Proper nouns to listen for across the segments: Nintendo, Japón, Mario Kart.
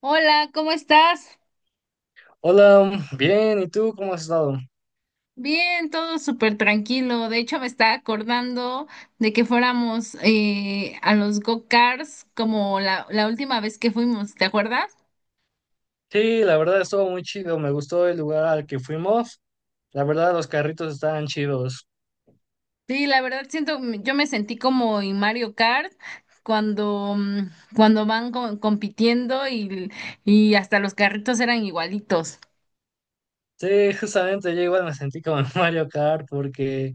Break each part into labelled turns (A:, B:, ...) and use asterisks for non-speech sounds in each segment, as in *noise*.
A: Hola, ¿cómo estás?
B: Hola, bien, ¿y tú cómo has estado?
A: Bien, todo súper tranquilo. De hecho, me estaba acordando de que fuéramos a los go-karts como la última vez que fuimos, ¿te acuerdas?
B: Sí, la verdad estuvo muy chido, me gustó el lugar al que fuimos, la verdad los carritos estaban chidos.
A: Sí, la verdad siento, yo me sentí como en Mario Kart cuando, mm, cuando van compitiendo y hasta los carritos eran igualitos.
B: Sí, justamente yo igual me sentí como en *laughs* Mario Kart porque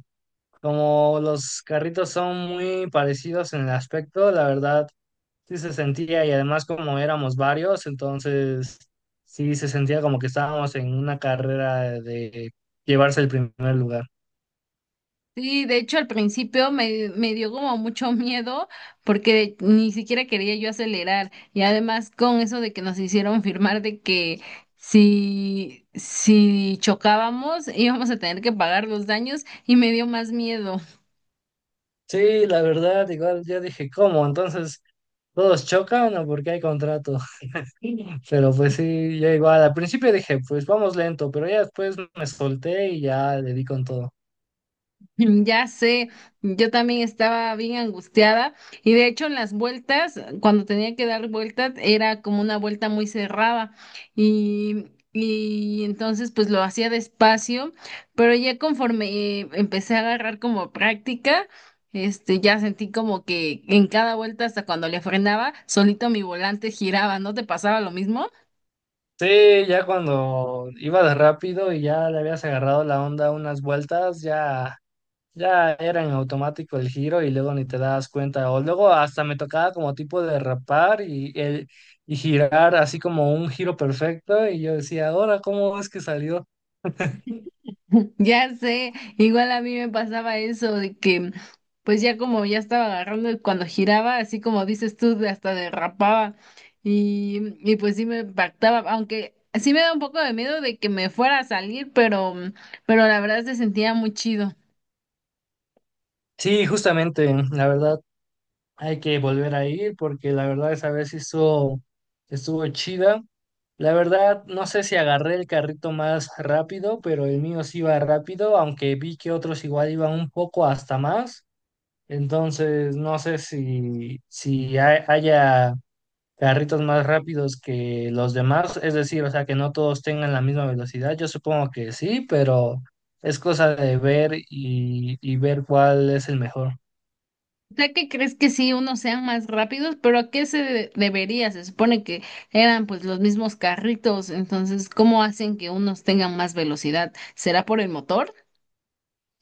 B: como los carritos son muy parecidos en el aspecto, la verdad sí se sentía y además como éramos varios, entonces sí se sentía como que estábamos en una carrera de llevarse el primer lugar.
A: Sí, de hecho al principio me dio como mucho miedo porque ni siquiera quería yo acelerar y además con eso de que nos hicieron firmar de que si chocábamos íbamos a tener que pagar los daños y me dio más miedo.
B: Sí, la verdad, igual yo dije, ¿cómo? Entonces, todos chocan o porque hay contrato. *laughs* Pero pues sí, ya igual. Al principio dije, pues vamos lento, pero ya después me solté y ya le di con todo.
A: *laughs* Ya sé, yo también estaba bien angustiada y de hecho en las vueltas, cuando tenía que dar vueltas, era como una vuelta muy cerrada y, y entonces pues lo hacía despacio, pero ya conforme empecé a agarrar como práctica, este, ya sentí como que en cada vuelta hasta cuando le frenaba, solito mi volante giraba, ¿no te pasaba lo mismo?
B: Sí, ya cuando iba de rápido y ya le habías agarrado la onda unas vueltas, ya, ya era en automático el giro y luego ni te das cuenta. O luego hasta me tocaba como tipo derrapar y girar así como un giro perfecto y yo decía, ahora, ¿cómo es que salió?
A: Ya sé, igual a mí me pasaba eso de que, pues ya como ya estaba agarrando y cuando giraba, así como dices tú, hasta derrapaba y pues sí me impactaba, aunque sí me da un poco de miedo de que me fuera a salir, pero la verdad se sentía muy chido.
B: Sí, justamente, la verdad. Hay que volver a ir porque la verdad esa vez sí estuvo chida. La verdad, no sé si agarré el carrito más rápido, pero el mío sí iba rápido, aunque vi que otros igual iban un poco hasta más. Entonces, no sé si haya carritos más rápidos que los demás, es decir, o sea, que no todos tengan la misma velocidad. Yo supongo que sí, pero es cosa de ver y ver cuál es el mejor.
A: ¿Ya que crees que sí unos sean más rápidos? Pero ¿a qué se debería? Se supone que eran pues los mismos carritos, entonces ¿cómo hacen que unos tengan más velocidad? ¿Será por el motor?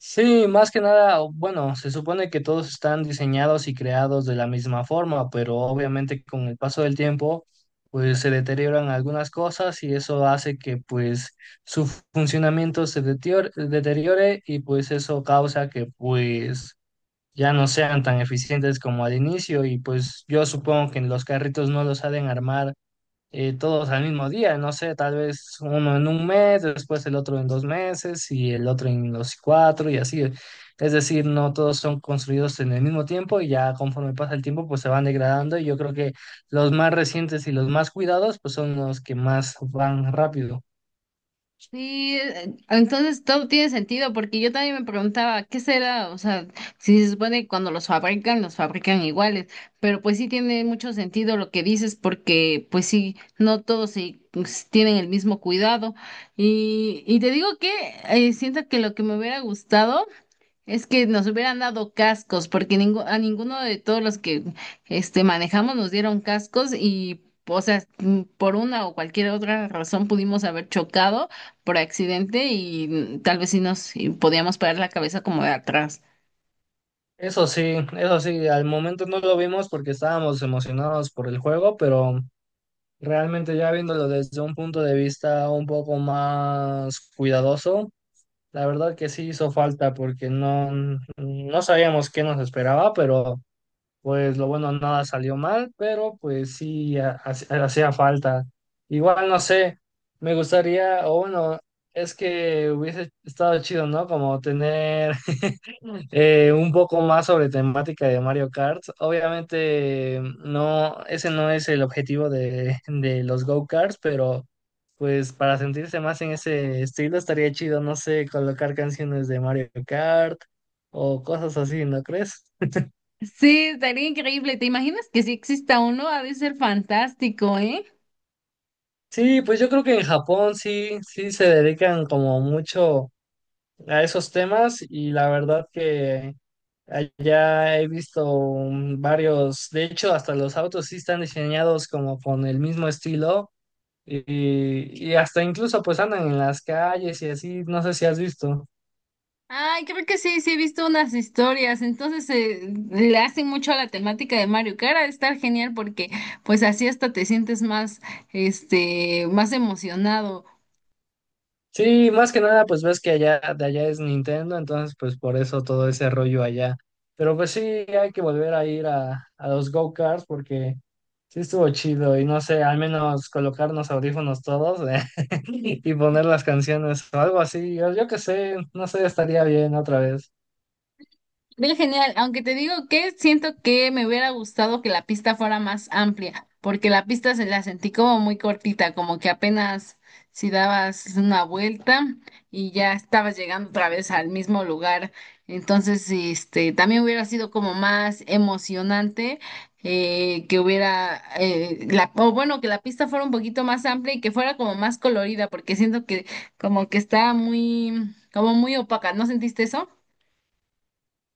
B: Sí, más que nada, bueno, se supone que todos están diseñados y creados de la misma forma, pero obviamente con el paso del tiempo, pues se deterioran algunas cosas y eso hace que pues su funcionamiento se deteriore y pues eso causa que pues ya no sean tan eficientes como al inicio y pues yo supongo que los carritos no los saben armar todos al mismo día, no sé, tal vez uno en un mes, después el otro en 2 meses y el otro en los cuatro y así. Es decir, no todos son construidos en el mismo tiempo y ya conforme pasa el tiempo pues se van degradando y yo creo que los más recientes y los más cuidados pues son los que más van rápido.
A: Sí, entonces todo tiene sentido, porque yo también me preguntaba, ¿qué será? O sea, si se supone que cuando los fabrican iguales, pero pues sí tiene mucho sentido lo que dices, porque pues sí, no todos sí, pues, tienen el mismo cuidado. Y te digo que siento que lo que me hubiera gustado es que nos hubieran dado cascos, porque a ninguno de todos los que este manejamos nos dieron cascos y, o sea, mm, por una o cualquier otra razón pudimos haber chocado por accidente y mm, tal vez sí nos y podíamos parar la cabeza como de atrás.
B: Eso sí, al momento no lo vimos porque estábamos emocionados por el juego, pero realmente ya viéndolo desde un punto de vista un poco más cuidadoso, la verdad que sí hizo falta porque no, no sabíamos qué nos esperaba, pero pues lo bueno, nada salió mal, pero pues sí hacía falta. Igual no sé, me gustaría, o bueno, es que hubiese estado chido, ¿no? Como tener un poco más sobre temática de Mario Kart. Obviamente no, ese no es el objetivo de los go-karts, pero pues para sentirse más en ese estilo estaría chido, no sé, colocar canciones de Mario Kart o cosas así, ¿no crees?
A: Sí, estaría increíble. ¿Te imaginas que si exista uno? Ha de ser fantástico, ¿eh?
B: Sí, pues yo creo que en Japón sí, sí se dedican como mucho a esos temas y la verdad que allá he visto varios, de hecho hasta los autos sí están diseñados como con el mismo estilo y hasta incluso pues andan en las calles y así, no sé si has visto.
A: Ay, creo que sí, sí he visto unas historias. Entonces le hacen mucho a la temática de Mario Kart. Ha de estar genial porque pues así hasta te sientes más, este, más emocionado.
B: Sí, más que nada, pues ves que allá de allá es Nintendo, entonces pues por eso todo ese rollo allá. Pero pues sí, hay que volver a ir a los go-karts porque sí estuvo chido y no sé, al menos colocarnos audífonos todos *laughs* y poner las canciones o algo así. Yo qué sé, no sé, estaría bien otra vez.
A: Bien genial, aunque te digo que siento que me hubiera gustado que la pista fuera más amplia, porque la pista se la sentí como muy cortita, como que apenas si dabas una vuelta y ya estabas llegando otra vez al mismo lugar. Entonces, este, también hubiera sido como más emocionante que hubiera, la, o bueno, que la pista fuera un poquito más amplia y que fuera como más colorida, porque siento que como que está muy, como muy opaca. ¿No sentiste eso?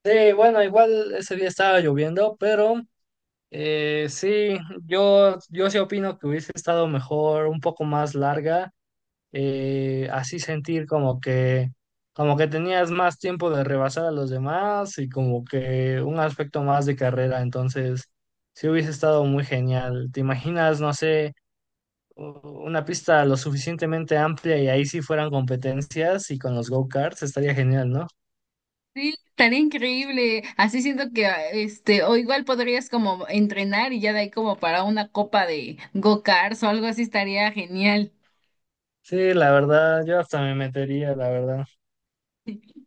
B: Sí, bueno, igual ese día estaba lloviendo, pero sí, yo sí opino que hubiese estado mejor, un poco más larga, así sentir como que tenías más tiempo de rebasar a los demás y como que un aspecto más de carrera. Entonces, sí hubiese estado muy genial. ¿Te imaginas, no sé, u- una pista lo suficientemente amplia y ahí sí fueran competencias y con los go-karts? Estaría genial, ¿no?
A: Sí, estaría increíble. Así siento que, ah, este, o igual podrías como entrenar y ya de ahí como para una copa de go-karts o algo así estaría genial.
B: Sí, la verdad, yo hasta me metería, la verdad.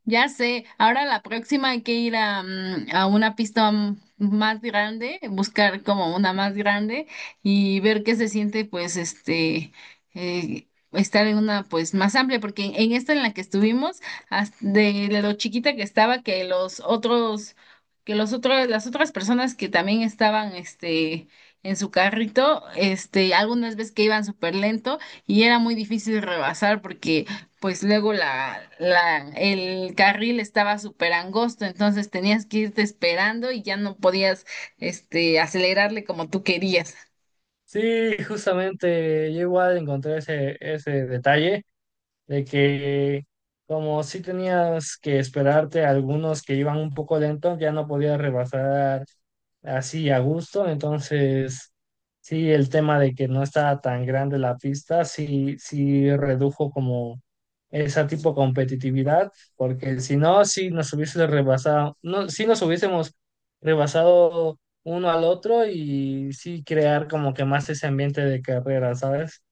A: Ya sé, ahora la próxima hay que ir a una pista más grande, buscar como una más grande y ver qué se siente, pues, este, estar en una, pues, más amplia, porque en esta en la que estuvimos, de lo chiquita que estaba, que los otros, las otras personas que también estaban, este, en su carrito, este, algunas veces que iban súper lento y era muy difícil rebasar porque pues luego el carril estaba súper angosto, entonces tenías que irte esperando y ya no podías, este, acelerarle como tú querías.
B: Sí, justamente, yo igual encontré ese detalle de que como si tenías que esperarte a algunos que iban un poco lentos, ya no podías rebasar así a gusto, entonces sí, el tema de que no estaba tan grande la pista, sí redujo como esa tipo de competitividad, porque si no, si nos hubiésemos rebasado uno al otro y sí crear como que más ese ambiente de carrera, ¿sabes?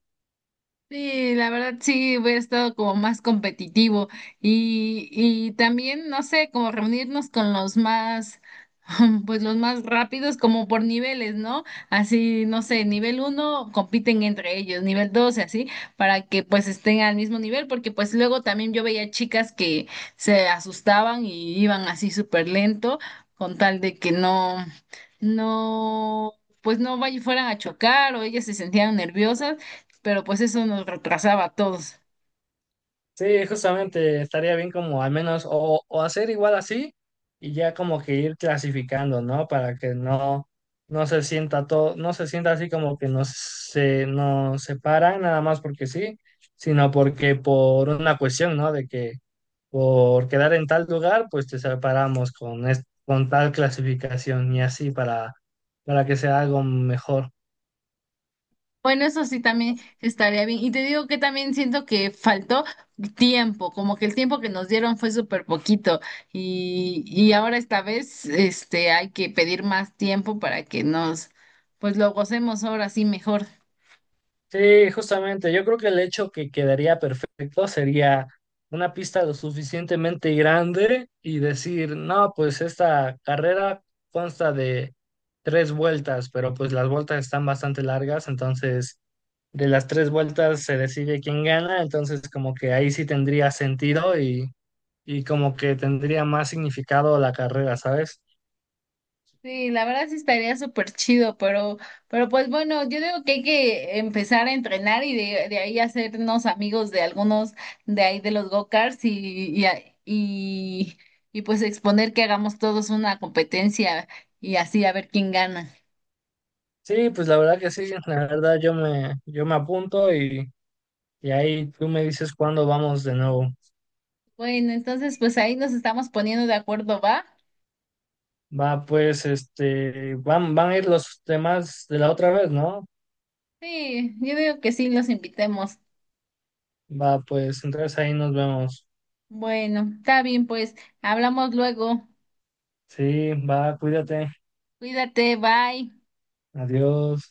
A: Sí, la verdad sí hubiera estado como más competitivo y también, no sé, como reunirnos con los más, *laughs* pues los más rápidos como por niveles, ¿no? Así, no sé, nivel uno compiten entre ellos, nivel dos y así, para que pues estén al mismo nivel, porque pues luego también yo veía chicas que se asustaban y iban así súper lento con tal de que no, pues no vay- fueran a chocar o ellas se sentían nerviosas pero pues eso nos retrasaba a todos.
B: Sí, justamente estaría bien como al menos o hacer igual así y ya como que ir clasificando, ¿no? Para que no, no se sienta todo, no se sienta así como que no se nos separan nada más porque sí, sino porque por una cuestión, ¿no? De que por quedar en tal lugar, pues te separamos con tal clasificación y así para que sea algo mejor.
A: Bueno, eso sí también estaría bien. Y te digo que también siento que faltó tiempo, como que el tiempo que nos dieron fue súper poquito. Y ahora esta vez, este, hay que pedir más tiempo para que nos, pues lo gocemos ahora sí mejor.
B: Sí, justamente. Yo creo que el hecho que quedaría perfecto sería una pista lo suficientemente grande y decir, no, pues esta carrera consta de tres vueltas, pero pues las vueltas están bastante largas, entonces de las tres vueltas se decide quién gana, entonces como que ahí sí tendría sentido y como que tendría más significado la carrera, ¿sabes?
A: Sí, la verdad sí estaría súper chido, pero pues bueno, yo digo que hay que empezar a entrenar y de ahí hacernos amigos de algunos de ahí de los go-karts y pues exponer que hagamos todos una competencia y así a ver quién gana.
B: Sí, pues la verdad que sí, la verdad yo me apunto y Y ahí tú me dices cuándo vamos de nuevo.
A: Bueno, entonces pues ahí nos estamos poniendo de acuerdo, ¿va?
B: Va, pues, este, van a ir los demás de la otra vez, ¿no?
A: Sí, yo digo que sí, los invitemos.
B: Va, pues, entonces ahí nos vemos.
A: Bueno, está bien, pues hablamos luego.
B: Sí, va, cuídate.
A: Cuídate, bye.
B: Adiós.